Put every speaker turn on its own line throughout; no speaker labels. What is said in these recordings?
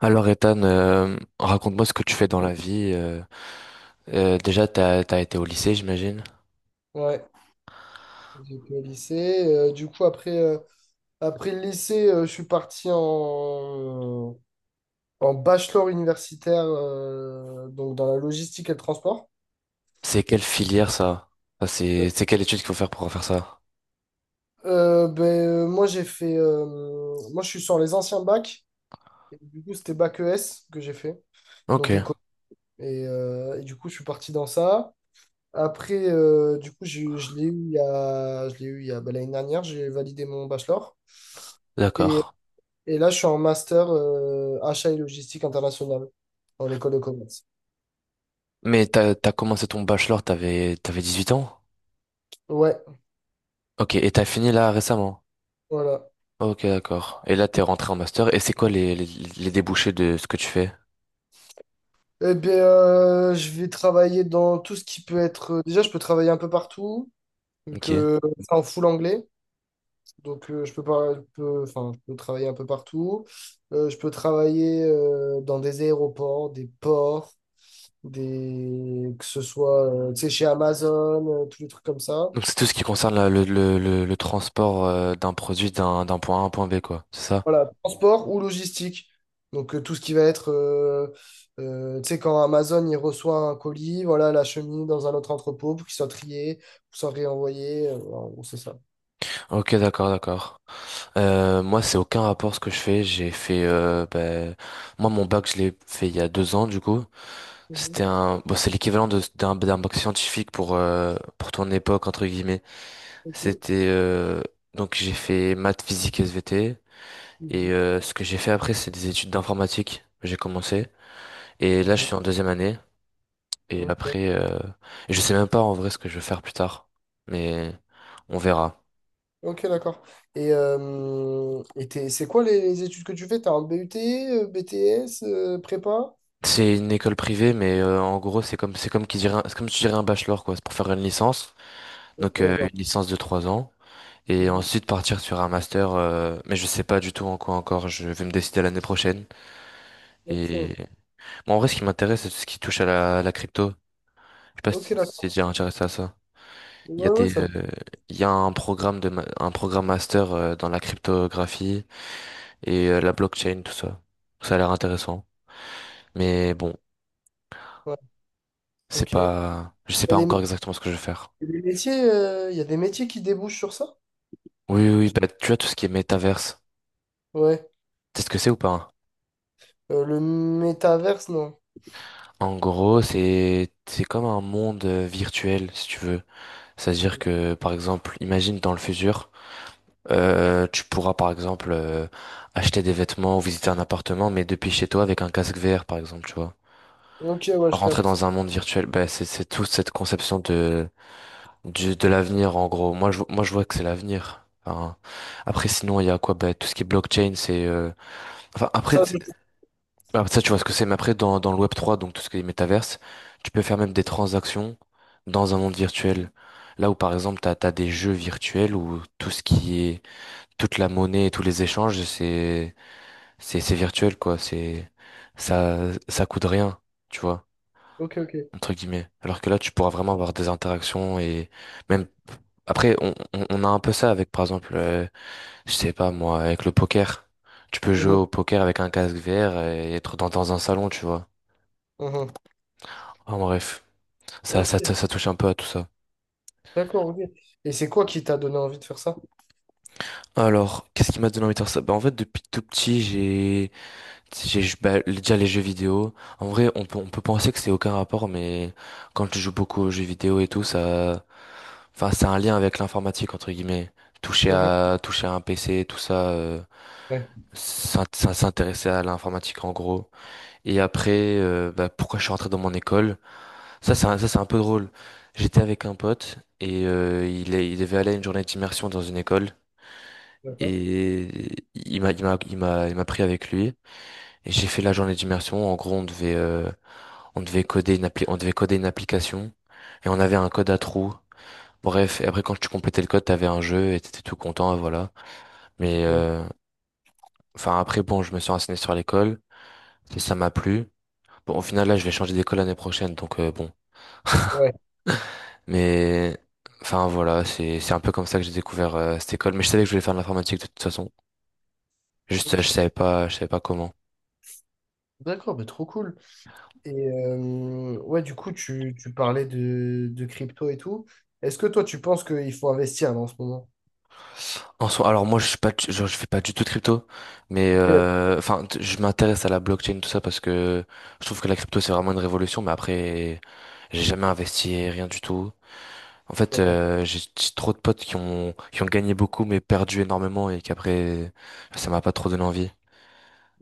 Alors Ethan, raconte-moi ce que tu fais dans la vie. Déjà, t'as été au lycée, j'imagine.
Ouais, j'ai été au lycée. Du coup, après le lycée, je suis parti en bachelor universitaire, donc dans la logistique et le transport.
C'est quelle filière ça? Ça, c'est
Euh,
quelle étude qu'il faut faire pour faire ça?
Moi, j'ai fait. Moi, je suis sur les anciens bacs. Et du coup, c'était bac ES que j'ai fait.
Ok,
Donc, éco. Et du coup, je suis parti dans ça. Après, du coup, je l'ai eu il y a, ben, l'année dernière, j'ai validé mon bachelor. Et
d'accord.
Et là, je suis en master achat et logistique internationale en école de commerce.
Mais t'as commencé ton bachelor, t'avais 18 ans?
Ouais,
Ok, et t'as fini là récemment?
voilà.
Ok, d'accord. Et là, t'es rentré en master. Et c'est quoi les débouchés de ce que tu fais?
Eh bien, je vais travailler dans tout ce qui peut être. Déjà, je peux travailler un peu partout, vu
Ok.
que c'est en full anglais. Donc, je peux pas, enfin, je peux travailler un peu partout. Je peux travailler dans des aéroports, des ports, des, que ce soit, tu sais, chez Amazon, tous les trucs comme ça.
Donc c'est tout ce qui concerne le transport d'un produit d'un point A à un point B, quoi. C'est ça?
Voilà, transport ou logistique. Donc, tout ce qui va être, tu sais, quand Amazon, il reçoit un colis, voilà, la chemise dans un autre entrepôt pour qu'il soit trié, pour soit réenvoyé. En gros, c'est ça.
Ok, d'accord, d'accord. Moi, c'est aucun rapport ce que je fais. J'ai fait, ben, moi, mon bac, je l'ai fait il y a 2 ans, du coup. C'était
Mhm.
un, bon, c'est l'équivalent de, d'un bac scientifique pour ton époque, entre guillemets.
Ok.
C'était, euh, donc j'ai fait maths, physique, SVT. Et,
Mhm.
ce que j'ai fait après, c'est des études d'informatique. J'ai commencé. Et là, je
Mhm.
suis en deuxième année. Et
Ok,
après, je sais même pas en vrai ce que je veux faire plus tard. Mais, on verra.
ok, d'accord. Et c'est quoi les études que tu fais? T'as un BUT, BTS, prépa?
C'est une école privée, mais en gros, c'est comme si tu dirais un bachelor, quoi, c'est pour faire une licence.
Ok,
Donc une
d'accord.
licence de 3 ans et
Mhm.
ensuite partir sur un master. Mais je sais pas du tout en quoi encore. Je vais me décider l'année prochaine. Et
Ok,
moi, en vrai, ce qui m'intéresse, c'est tout ce qui touche à la crypto. Je sais pas
ok,
si t'es
d'accord.
déjà intéressé à ça. Il y a
Ouais, ouais,
des euh, il y a un programme un programme master dans la cryptographie et la blockchain, tout ça. Ça a l'air intéressant. Mais bon,
ouais,
c'est
ok.
pas je sais
Y a
pas
des,
encore
mé-
exactement ce que je vais faire.
il y a des métiers qui débouchent sur ça?
Oui, oui, oui, bah, tu vois, tout ce qui est métaverse.
Ouais.
Tu sais ce que c'est ou pas, hein?
Le métaverse, non.
En gros, c'est comme un monde virtuel, si tu veux. C'est-à-dire que, par exemple, imagine dans le futur, tu pourras, par exemple, acheter des vêtements ou visiter un appartement, mais depuis chez toi avec un casque VR, par exemple, tu vois.
Ok, ouais, je
Rentrer
capte.
dans un monde virtuel, bah, c'est toute cette conception de l'avenir, en gros. Moi, je vois que c'est l'avenir. Enfin, après, sinon, il y a quoi? Bah, tout ce qui est blockchain, enfin, après.
Ça, je...
Ah, ça, tu vois ce que c'est, mais après, dans le web 3, donc tout ce qui est métaverse, tu peux faire même des transactions dans un monde virtuel. Là où, par exemple, t'as des jeux virtuels où tout ce qui est, toute la monnaie et tous les échanges, c'est virtuel, quoi. Ça, ça coûte rien, tu vois,
Ok, ok.
entre guillemets. Alors que là, tu pourras vraiment avoir des interactions et même, après, on a un peu ça avec, par exemple, je sais pas, moi, avec le poker. Tu peux jouer
Mhm,
au poker avec un casque VR et être dans un salon, tu vois.
mhm.
Ah, en bref,
Ok,
ça touche un peu à tout ça.
d'accord, ok. Et c'est quoi qui t'a donné envie de faire ça?
Alors, qu'est-ce qui m'a donné envie de faire ça? Bah, en fait, depuis tout petit, j'ai, bah, déjà les jeux vidéo. En vrai, on peut penser que c'est aucun rapport, mais quand tu joues beaucoup aux jeux vidéo et tout, ça, enfin, c'est un lien avec l'informatique, entre guillemets.
Mhm.
Toucher à un PC, tout ça,
Ouais,
s'intéresser à l'informatique, en gros. Et après, bah, pourquoi je suis rentré dans mon école? Ça, c'est un peu drôle. J'étais avec un pote et il devait aller à une journée d'immersion dans une école
d'accord,
et il m'a pris avec lui et j'ai fait la journée d'immersion. En gros, on devait coder on devait coder une application et on avait un code à trous. Bref, et après, quand tu complétais le code, t'avais un jeu et t'étais tout content, voilà. Mais
ok.
enfin après, bon, je me suis renseigné sur l'école et ça m'a plu. Bon, au final, là, je vais changer d'école l'année prochaine, donc bon.
Ouais,
Mais enfin voilà, c'est un peu comme ça que j'ai découvert cette école. Mais je savais que je voulais faire de l'informatique de toute façon. Juste, je
ok.
savais pas, comment.
D'accord, mais trop cool. Et ouais, du coup, tu parlais de crypto et tout. Est-ce que toi, tu penses qu'il faut investir là, en ce moment?
En soi, alors moi, je suis pas, genre, je fais pas du tout de crypto, mais
Ok,
enfin, je m'intéresse à la blockchain, tout ça, parce que je trouve que la crypto c'est vraiment une révolution. Mais après, j'ai jamais investi rien du tout. En fait,
d'accord.
j'ai trop de potes qui ont gagné beaucoup mais perdu énormément, et qu'après, ça m'a pas trop donné envie.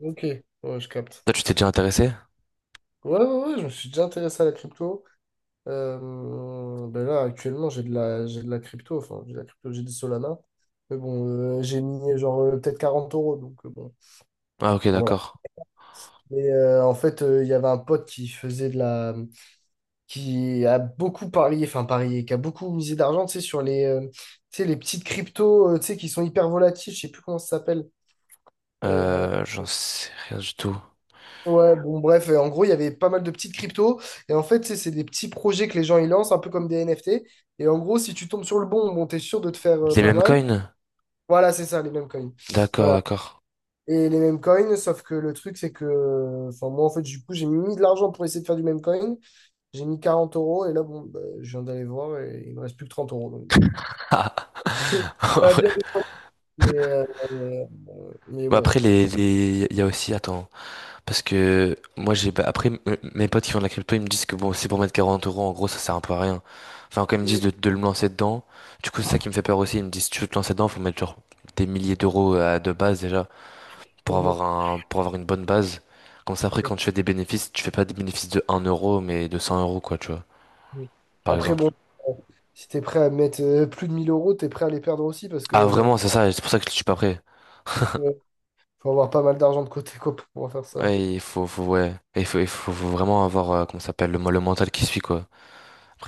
Ok, ouais, je capte.
Toi, tu t'es déjà intéressé?
Ouais, ouais, ouais, je me suis déjà intéressé à la crypto. Ben là, actuellement, j'ai de la crypto, enfin, j'ai de la crypto, j'ai du Solana. Mais bon, j'ai mis genre peut-être 40 euros, donc bon,
Ah ok,
voilà.
d'accord.
Mais en fait, il y avait un pote qui faisait de la, qui a beaucoup parié, enfin parié, qui a beaucoup misé d'argent, tu sais, sur les, tu sais, les petites cryptos, tu sais, qui sont hyper volatiles, je sais plus comment ça s'appelle. Euh,
J'en sais rien du tout.
ouais, bon, bref, en gros, il y avait pas mal de petites cryptos, et en fait, tu sais, c'est des petits projets que les gens ils lancent, un peu comme des NFT. Et en gros, si tu tombes sur le bon, bon, t'es sûr de te faire
Les
pas
mêmes
mal.
coins?
Voilà, c'est ça, les mêmes coins.
D'accord, d'accord.
Et les mêmes coins, sauf que le truc, c'est que. Enfin, moi, en fait, du coup, j'ai mis de l'argent pour essayer de faire du même coin. J'ai mis 40 euros, et là, bon, bah, je viens d'aller voir, et il me reste plus que 30 euros. Donc, bon. Pas bien défendu, mais, euh, euh, mais
Bah,
ouais.
après, les, il y a aussi, attends, parce que moi j'ai, bah, après, mes potes qui font de la crypto, ils me disent que bon, c'est pour mettre 40 euros, en gros ça sert un peu à rien. Enfin, quand ils me disent de me lancer dedans, du coup c'est ça qui me fait peur aussi. Ils me disent, si tu veux te lancer dedans, faut mettre genre des milliers d'euros à de base déjà,
Bon.
pour avoir une bonne base, comme ça après quand tu fais des bénéfices, tu fais pas des bénéfices de 1 euro mais de 100 euros, quoi, tu vois, par
Après,
exemple.
bon, euh, si t'es prêt à mettre plus de 1000 euros, t'es prêt à les perdre aussi, parce
Ah,
que.
vraiment, c'est ça, c'est pour ça que je suis pas prêt.
euh, Faut avoir pas mal d'argent de côté, quoi, pour pouvoir faire ça.
Ouais, faut, ouais. Il faut, faut vraiment avoir, comment ça s'appelle, le mental qui suit, quoi.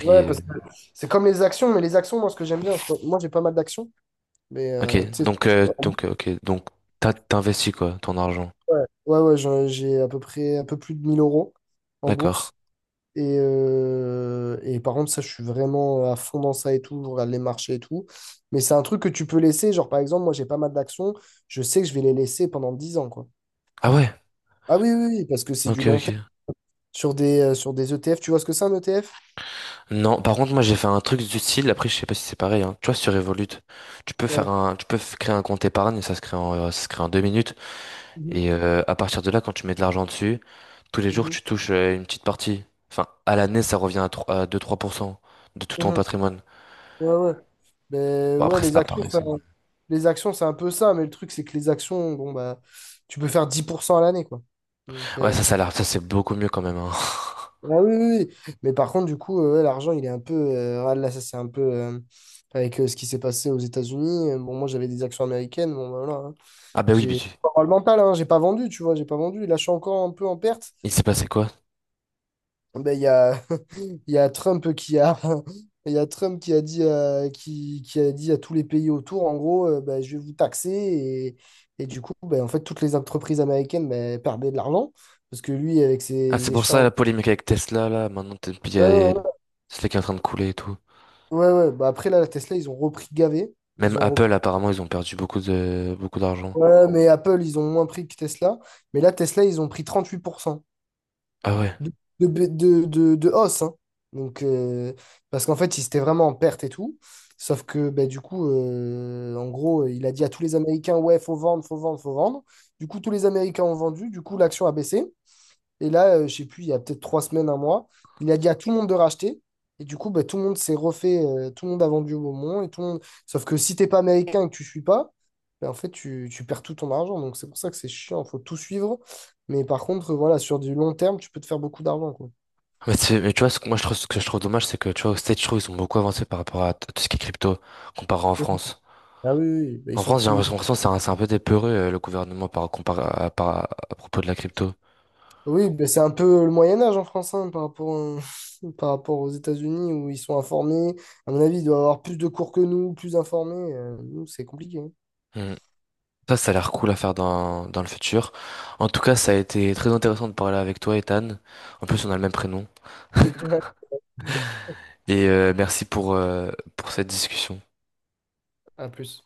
Ouais, parce que c'est comme les actions, mais les actions, moi, ce que j'aime bien, moi, j'ai pas mal d'actions, mais tu sais.
ok, donc, t'investis, quoi, ton argent.
Ouais, ouais, ouais, j'ai à peu près un peu plus de 1 000 € en
D'accord.
bourse. Et par contre, ça, je suis vraiment à fond dans ça et tout. Je regarde les marchés et tout. Mais c'est un truc que tu peux laisser. Genre, par exemple, moi, j'ai pas mal d'actions. Je sais que je vais les laisser pendant 10 ans, quoi.
Ah ouais,
Ah oui, oui, oui, parce que c'est du
ok,
long terme.
ok.
Sur des ETF, tu vois ce que c'est un ETF?
Non, par contre, moi, j'ai fait un truc du style, après, je sais pas si c'est pareil, hein. Tu vois, sur Revolut, tu peux
Ouais.
faire un, tu peux f- créer un compte épargne, ça se crée en 2 minutes,
Mhm,
et à partir de là, quand tu mets de l'argent dessus, tous les jours,
mhm,
tu touches une petite partie. Enfin, à l'année, ça revient à 3 à deux trois pour cent de tout ton
mhm.
patrimoine.
Ouais, ouais. Ben,
Bon,
ouais,
après, c'est pas pareil, ça.
les actions, c'est un peu ça. Mais le truc, c'est que les actions, bon, bah, tu peux faire 10 % à l'année, quoi. Donc,
Ouais, ça a l'air, ça c'est beaucoup mieux quand même, hein.
ah oui, oui, oui. Mais par contre, du coup, ouais, l'argent, il est un peu. Ouais, là, ça, c'est un peu. Avec ce qui s'est passé aux États-Unis. Bon, moi, j'avais des actions américaines. Bon, ben voilà, hein.
Ah bah oui,
J'ai pas avoir le mental, hein. J'ai pas vendu, tu vois. J'ai pas vendu. Là, je suis encore un peu en perte.
il s'est passé quoi?
Ben, il y a, il y a Trump qui a. Il y a Trump qui a dit, qui a dit à tous les pays autour, en gros, je vais vous taxer. Et du coup, ben, en fait, toutes les entreprises américaines ben, perdaient de l'argent. Parce que lui, avec
Ah, c'est
ses
pour ça
échanges.
la polémique avec Tesla, là, maintenant, t'es- puis il y a- c'est qui est en train de couler et tout.
Ouais, ouais. Bah après, là, la Tesla, ils ont repris gavé.
Même
Ils ont repris.
Apple, apparemment, ils ont perdu beaucoup de beaucoup d'argent.
Ouais, mais Apple, ils ont moins pris que Tesla. Mais là, Tesla, ils ont pris 38%
Ah ouais.
de, de hausse, hein. Donc, parce qu'en fait, ils étaient vraiment en perte et tout. Sauf que, bah, du coup, en gros, il a dit à tous les Américains, ouais, faut vendre, faut vendre, faut vendre. Du coup, tous les Américains ont vendu. Du coup, l'action a baissé. Et là, je sais plus, il y a peut-être 3 semaines, un mois, il a dit à tout le monde de racheter. Et du coup, bah, tout le monde s'est refait, tout le monde a vendu au bon moment. Et tout le monde. Sauf que si t'es pas américain et que tu suis pas, bah, en fait, tu perds tout ton argent. Donc c'est pour ça que c'est chiant, faut tout suivre. Mais par contre, voilà, sur du long terme, tu peux te faire beaucoup d'argent, quoi.
Mais, tu vois, ce que moi je trouve, ce que je trouve dommage, c'est que tu vois, aux States, je trouve, ils ont beaucoup avancé par rapport tout ce qui est crypto, comparé en France.
Ah oui, oui, bah, ils
En
sont
France, j'ai
plus.
l'impression que c'est un peu des peureux, le gouvernement, par, comparé à, par- à propos de la crypto.
Oui, bah, c'est un peu le Moyen Âge en France, hein, par rapport, par rapport aux États-Unis, où ils sont informés. À mon avis, ils doivent avoir plus de cours que nous, plus informés. Nous, c'est compliqué, hein.
Hmm. Ça a l'air cool à faire dans le futur. En tout cas, ça a été très intéressant de parler avec toi, Ethan. En plus, on a le même prénom.
Ouais.
Et merci pour cette discussion.
À plus.